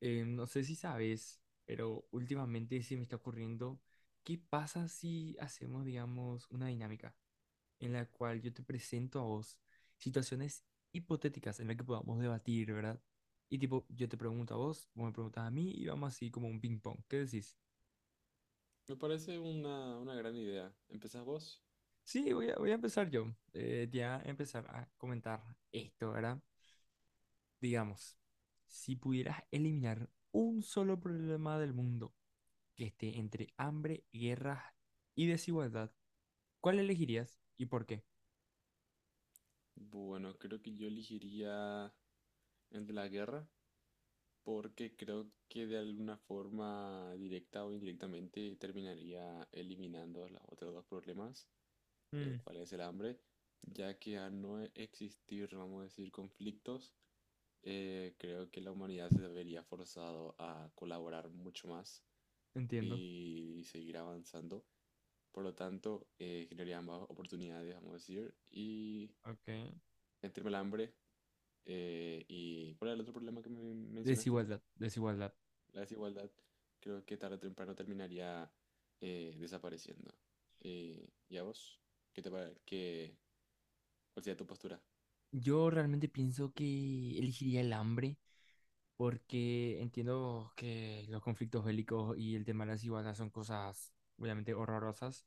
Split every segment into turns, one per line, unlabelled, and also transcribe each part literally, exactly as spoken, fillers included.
Eh, no sé si sabes, pero últimamente se me está ocurriendo, ¿qué pasa si hacemos, digamos, una dinámica en la cual yo te presento a vos situaciones hipotéticas en las que podamos debatir?, ¿verdad? Y tipo, yo te pregunto a vos, vos me preguntas a mí y vamos así como un ping pong. ¿Qué decís?
Me parece una, una gran idea. ¿Empezás vos?
Sí, voy a, voy a empezar yo. Eh, ya empezar a comentar esto, ¿verdad? Digamos, si pudieras eliminar un solo problema del mundo, que esté entre hambre, guerras y desigualdad, ¿cuál elegirías y por qué?
Bueno, creo que yo elegiría el de la guerra porque creo que de alguna forma directa o indirectamente terminaría eliminando los otros dos problemas, el
Mm,
cual es el hambre, ya que al no existir, vamos a decir, conflictos, eh, creo que la humanidad se vería forzado a colaborar mucho más
entiendo.
y seguir avanzando. Por lo tanto, eh, generaría más oportunidades, vamos a decir, y
Ok.
entre el tema del hambre eh, y ¿cuál era el otro problema que me mencionaste?
Desigualdad, desigualdad.
La desigualdad. Creo que tarde o temprano terminaría eh, desapareciendo. Eh, ¿y a vos? ¿Qué te pare- qué- ¿Cuál sería tu postura?
Yo realmente pienso que elegiría el hambre porque entiendo que los conflictos bélicos y el tema de la desigualdad son cosas obviamente horrorosas,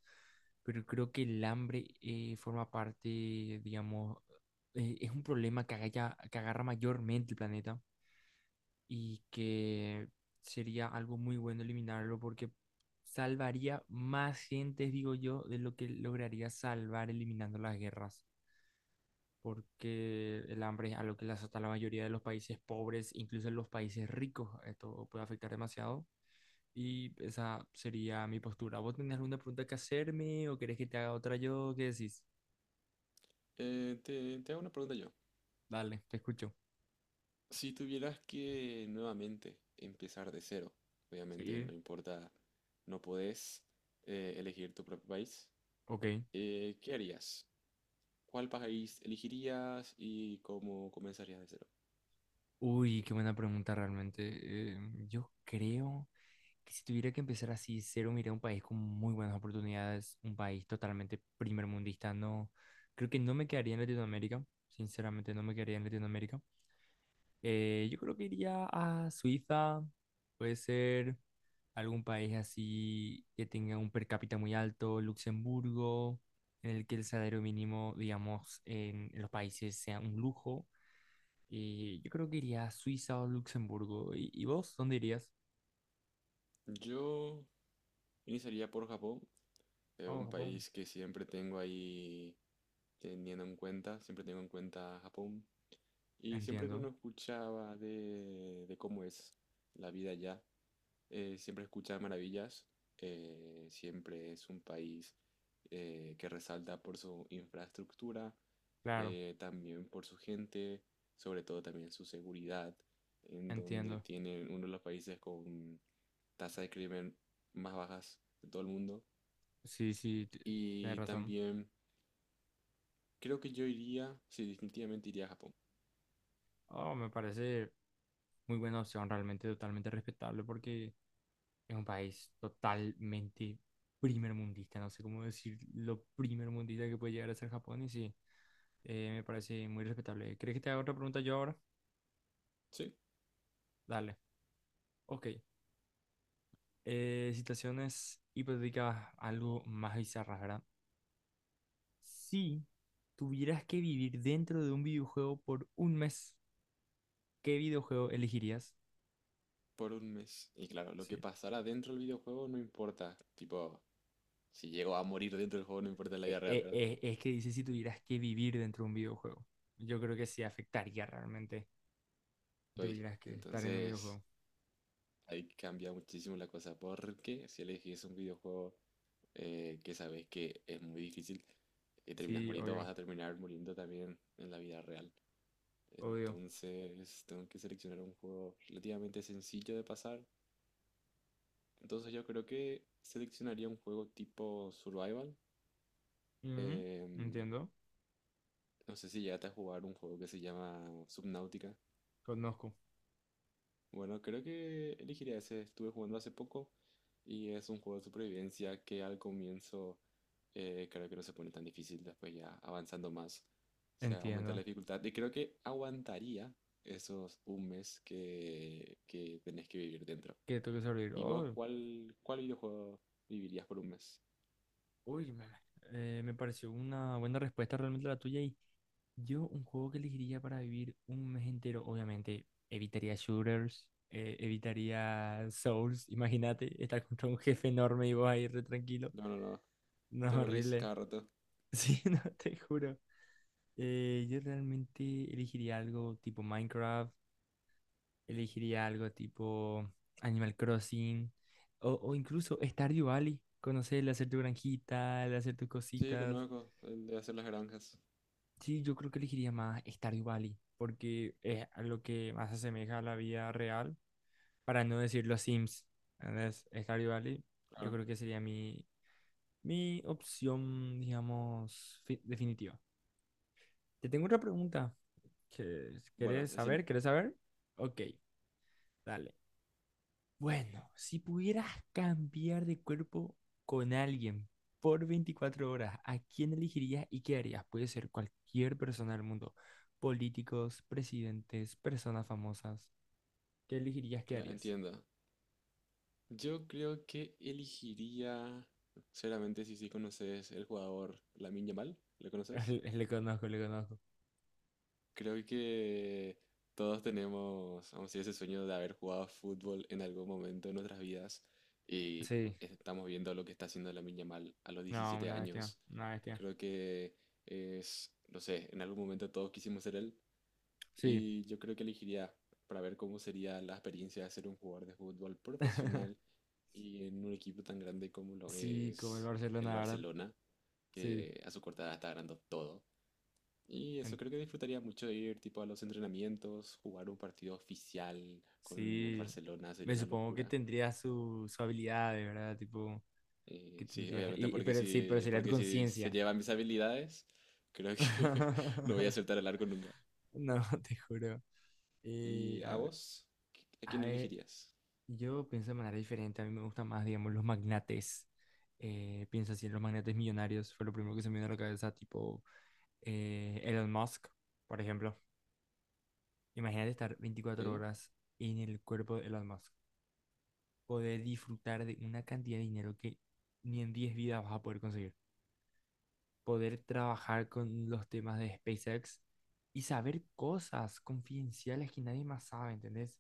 pero creo que el hambre eh, forma parte, digamos, eh, es un problema que, agalla- que agarra mayormente el planeta y que sería algo muy bueno eliminarlo porque salvaría más gentes, digo yo, de lo que lograría salvar eliminando las guerras, porque el hambre es algo que le azota a la mayoría de los países pobres, incluso en los países ricos, esto puede afectar demasiado. Y esa sería mi postura. ¿Vos tenés alguna pregunta que hacerme o querés que te haga otra yo? ¿Qué decís?
Eh, te, te hago una pregunta yo.
Dale, te escucho.
Si tuvieras que nuevamente empezar de cero, obviamente
Sí.
no importa, no podés eh, elegir tu propio país,
Ok.
eh, ¿qué harías? ¿Cuál país elegirías y cómo comenzarías de cero?
Uy, qué buena pregunta realmente. Eh, yo creo que si tuviera que empezar así cero, miré un país con muy buenas oportunidades, un país totalmente primermundista. No, creo que no me quedaría en Latinoamérica, sinceramente no me quedaría en Latinoamérica. Eh, yo creo que iría a Suiza, puede ser algún país así que tenga un per cápita muy alto, Luxemburgo, en el que el salario mínimo, digamos, en en los países sea un lujo y yo creo que iría a Suiza o Luxemburgo. ¿Y, y vos dónde irías?
Yo iniciaría por Japón, eh,
Oh,
un
Japón.
país que siempre tengo ahí teniendo en cuenta, siempre tengo en cuenta Japón. Y siempre que
Entiendo,
uno escuchaba de, de cómo es la vida allá, eh, siempre escuchaba maravillas. Eh, siempre es un país eh, que resalta por su infraestructura,
claro,
eh, también por su gente, sobre todo también su seguridad, en donde
entiendo.
tiene uno de los países con tasa de crimen más bajas de todo el mundo.
Sí, sí, t- tenés
Y
razón.
también creo que yo iría, sí, definitivamente iría a Japón.
Oh, me parece muy buena opción, realmente totalmente respetable porque es un país totalmente primermundista, no sé cómo decir lo primermundista que puede llegar a ser Japón, y sí, eh, me parece muy respetable. ¿Crees que te haga otra pregunta yo ahora?
Sí,
Dale. Ok. Eh, situaciones hipotéticas algo más bizarras, ¿verdad? Si tuvieras que vivir dentro de un videojuego por un mes, ¿qué videojuego elegirías?
por un mes. Y claro, lo que
Sí.
pasará dentro del videojuego no importa. Tipo, si llego a morir dentro del juego no importa en la vida
E-
real,
e-
¿verdad?
e- es que dice si tuvieras que vivir dentro de un videojuego. Yo creo que sí afectaría realmente si
Estoy.
tuvieras que estar en un
Entonces,
videojuego.
ahí cambia muchísimo la cosa. Porque si elegís un videojuego eh, que sabes que es muy difícil, que terminas
Sí,
muriendo, vas
obvio,
a terminar muriendo también en la vida real.
obvio.
Entonces, tengo que seleccionar un juego relativamente sencillo de pasar. Entonces yo creo que seleccionaría un juego tipo survival.
Ujú.
Em,
Entiendo,
no sé si llegaste a jugar un juego que se llama Subnautica.
conozco.
Bueno, creo que elegiría ese. Estuve jugando hace poco y es un juego de supervivencia que al comienzo eh, creo que no se pone tan difícil, después ya avanzando más se aumenta la
Entiendo.
dificultad y creo que aguantaría esos un mes que, que tenés que vivir dentro.
Que tengo que sobrevivir.
¿Y vos
Oh.
cuál, cuál videojuego vivirías por un mes?
Uy, me, eh, me pareció una buena respuesta realmente la tuya, y yo un juego que elegiría para vivir un mes entero, obviamente evitaría shooters, eh, evitaría Souls, imagínate estar contra un jefe enorme y vos ahí re tranquilo,
No, no, no.
no,
Te morís
horrible.
cada rato.
Sí, no, te juro. Eh, yo realmente elegiría algo tipo Minecraft, elegiría algo tipo Animal Crossing, o, o incluso Stardew Valley, conocer, el hacer tu granjita, el hacer tus
Sí,
cositas.
conozco el de hacer las granjas.
Sí, yo creo que elegiría más Stardew Valley, porque es a lo que más se asemeja a la vida real, para no decir los Sims. Entonces, Stardew Valley, yo
Claro.
creo que sería mi, mi, opción, digamos, fi- definitiva. Te tengo otra pregunta. Que,
Bueno,
¿querés
decime.
saber? ¿Querés saber? Ok, dale. Bueno, si pudieras cambiar de cuerpo con alguien por veinticuatro horas, ¿a quién elegirías y qué harías? Puede ser cualquier persona del mundo, políticos, presidentes, personas famosas. ¿Qué elegirías, qué
Claro,
harías?
entiendo. Yo creo que elegiría, sinceramente, si sí conoces el jugador Lamine Yamal, ¿le conoces?
Le, le conozco, le conozco.
Creo que todos tenemos, vamos a decir, ese sueño de haber jugado fútbol en algún momento de nuestras vidas y
Sí,
estamos viendo lo que está haciendo Lamine Yamal a los
no,
diecisiete
una bestia,
años.
una bestia.
Creo que es, no sé, en algún momento todos quisimos ser él.
Sí,
Y yo creo que elegiría para ver cómo sería la experiencia de ser un jugador de fútbol profesional y en un equipo tan grande como lo
sí, como el
es el
Barcelona, ¿verdad?
Barcelona,
Sí,
que a su corta edad está ganando todo. Y eso
en-
creo que disfrutaría mucho de ir tipo a los entrenamientos, jugar un partido oficial con el
sí.
Barcelona sería
Me
una
supongo que
locura.
tendría su, su habilidad, ¿verdad? Tipo,
Eh,
que
sí,
tendría...
obviamente
Y, y-
porque
pero sí, pero
si,
sería tu
porque si se
conciencia.
llevan mis habilidades, creo que no voy a aceptar el arco nunca.
No, te juro. Y
¿Y
a,
a
ve-
vos? ¿Qui- ¿A
a
quién
ver,
elegirías?
yo pienso de manera diferente. A mí me gustan más, digamos, los magnates. Eh, pienso así en los magnates millonarios. Fue lo primero que se me vino a la cabeza, tipo eh, Elon Musk, por ejemplo. Imagínate estar veinticuatro
Ok,
horas en el cuerpo de Elon Musk. Poder disfrutar de una cantidad de dinero que ni en diez vidas vas a poder conseguir. Poder trabajar con los temas de SpaceX y saber cosas confidenciales que nadie más sabe, ¿entendés?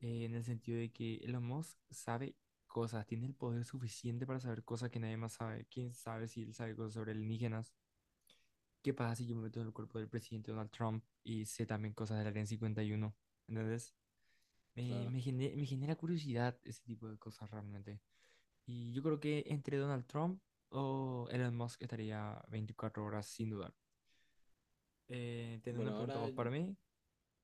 eh, En el sentido de que Elon Musk sabe cosas, tiene el poder suficiente para saber cosas que nadie más sabe. ¿Quién sabe si él sabe cosas sobre alienígenas? ¿Qué pasa si yo me meto en el cuerpo del presidente Donald Trump y sé también cosas del Área cincuenta y uno? Entonces, eh,
claro.
me, gene- me genera curiosidad ese tipo de cosas realmente. Y yo creo que entre Donald Trump o Elon Musk estaría veinticuatro horas sin dudar. Eh, ¿tenés una
Bueno,
pregunta
ahora
vos para mí?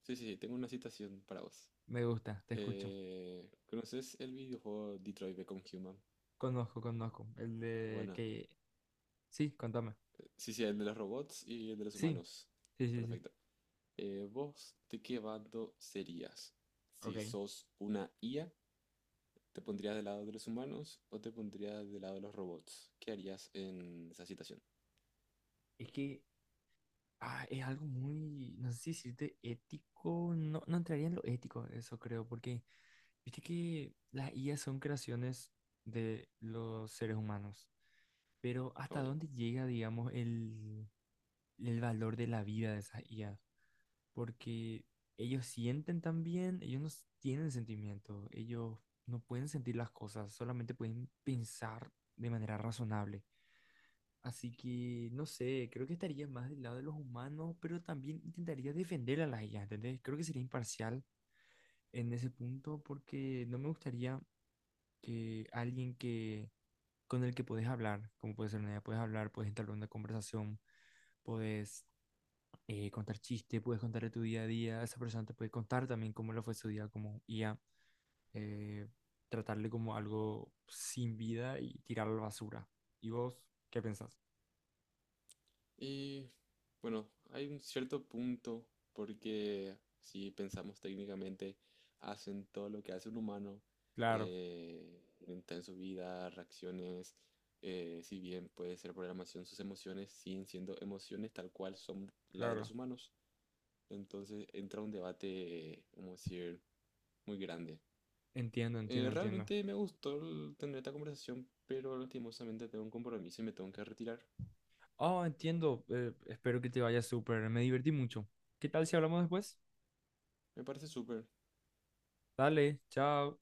sí, sí, sí, tengo una citación para vos.
Me gusta, te escucho.
Eh, ¿conoces el videojuego Detroit Become Human?
Conozco, conozco. El de
Bueno,
que... Sí, contame.
sí, sí, el de los robots y el de los
Sí,
humanos.
sí, sí, sí.
Perfecto. Eh, ¿vos de qué bando serías?
Ok.
Si sos una I A, ¿te pondrías del lado de los humanos o te pondrías del lado de los robots? ¿Qué harías en esa situación?
Es que ah, es algo muy, no sé si decirte ético, no, no entraría en lo ético, eso creo, porque viste que las I A son creaciones de los seres humanos, pero ¿hasta
Obvio.
dónde llega, digamos, el, el, valor de la vida de esas I A? Porque ellos sienten también, ellos no s- tienen sentimiento, ellos no pueden sentir las cosas, solamente pueden pensar de manera razonable. Así que, no sé, creo que estaría más del lado de los humanos, pero también intentaría defender a las I A, ¿entendés? Creo que sería imparcial en ese punto porque no me gustaría que alguien que con el que podés hablar, como puede ser una I A, puedes hablar, puedes entablar una conversación, puedes eh, contar chistes, puedes contar de tu día a día, esa persona te puede contar también cómo lo fue su día como I A, eh, tratarle como algo sin vida y tirarlo a la basura. ¿Y vos qué pensás?
Y bueno, hay un cierto punto porque si pensamos técnicamente, hacen todo lo que hace un humano
Claro,
eh, en su vida, reacciones, eh, si bien puede ser programación, sus emociones siguen siendo emociones tal cual son las de
claro.
los humanos. Entonces entra un debate, como decir, muy grande.
Entiendo, entiendo,
Eh,
entiendo.
realmente me gustó el- tener esta conversación, pero lastimosamente tengo un compromiso y me tengo que retirar.
Oh, entiendo. Eh, espero que te vaya súper. Me divertí mucho. ¿Qué tal si hablamos después?
Me parece súper.
Dale, chao.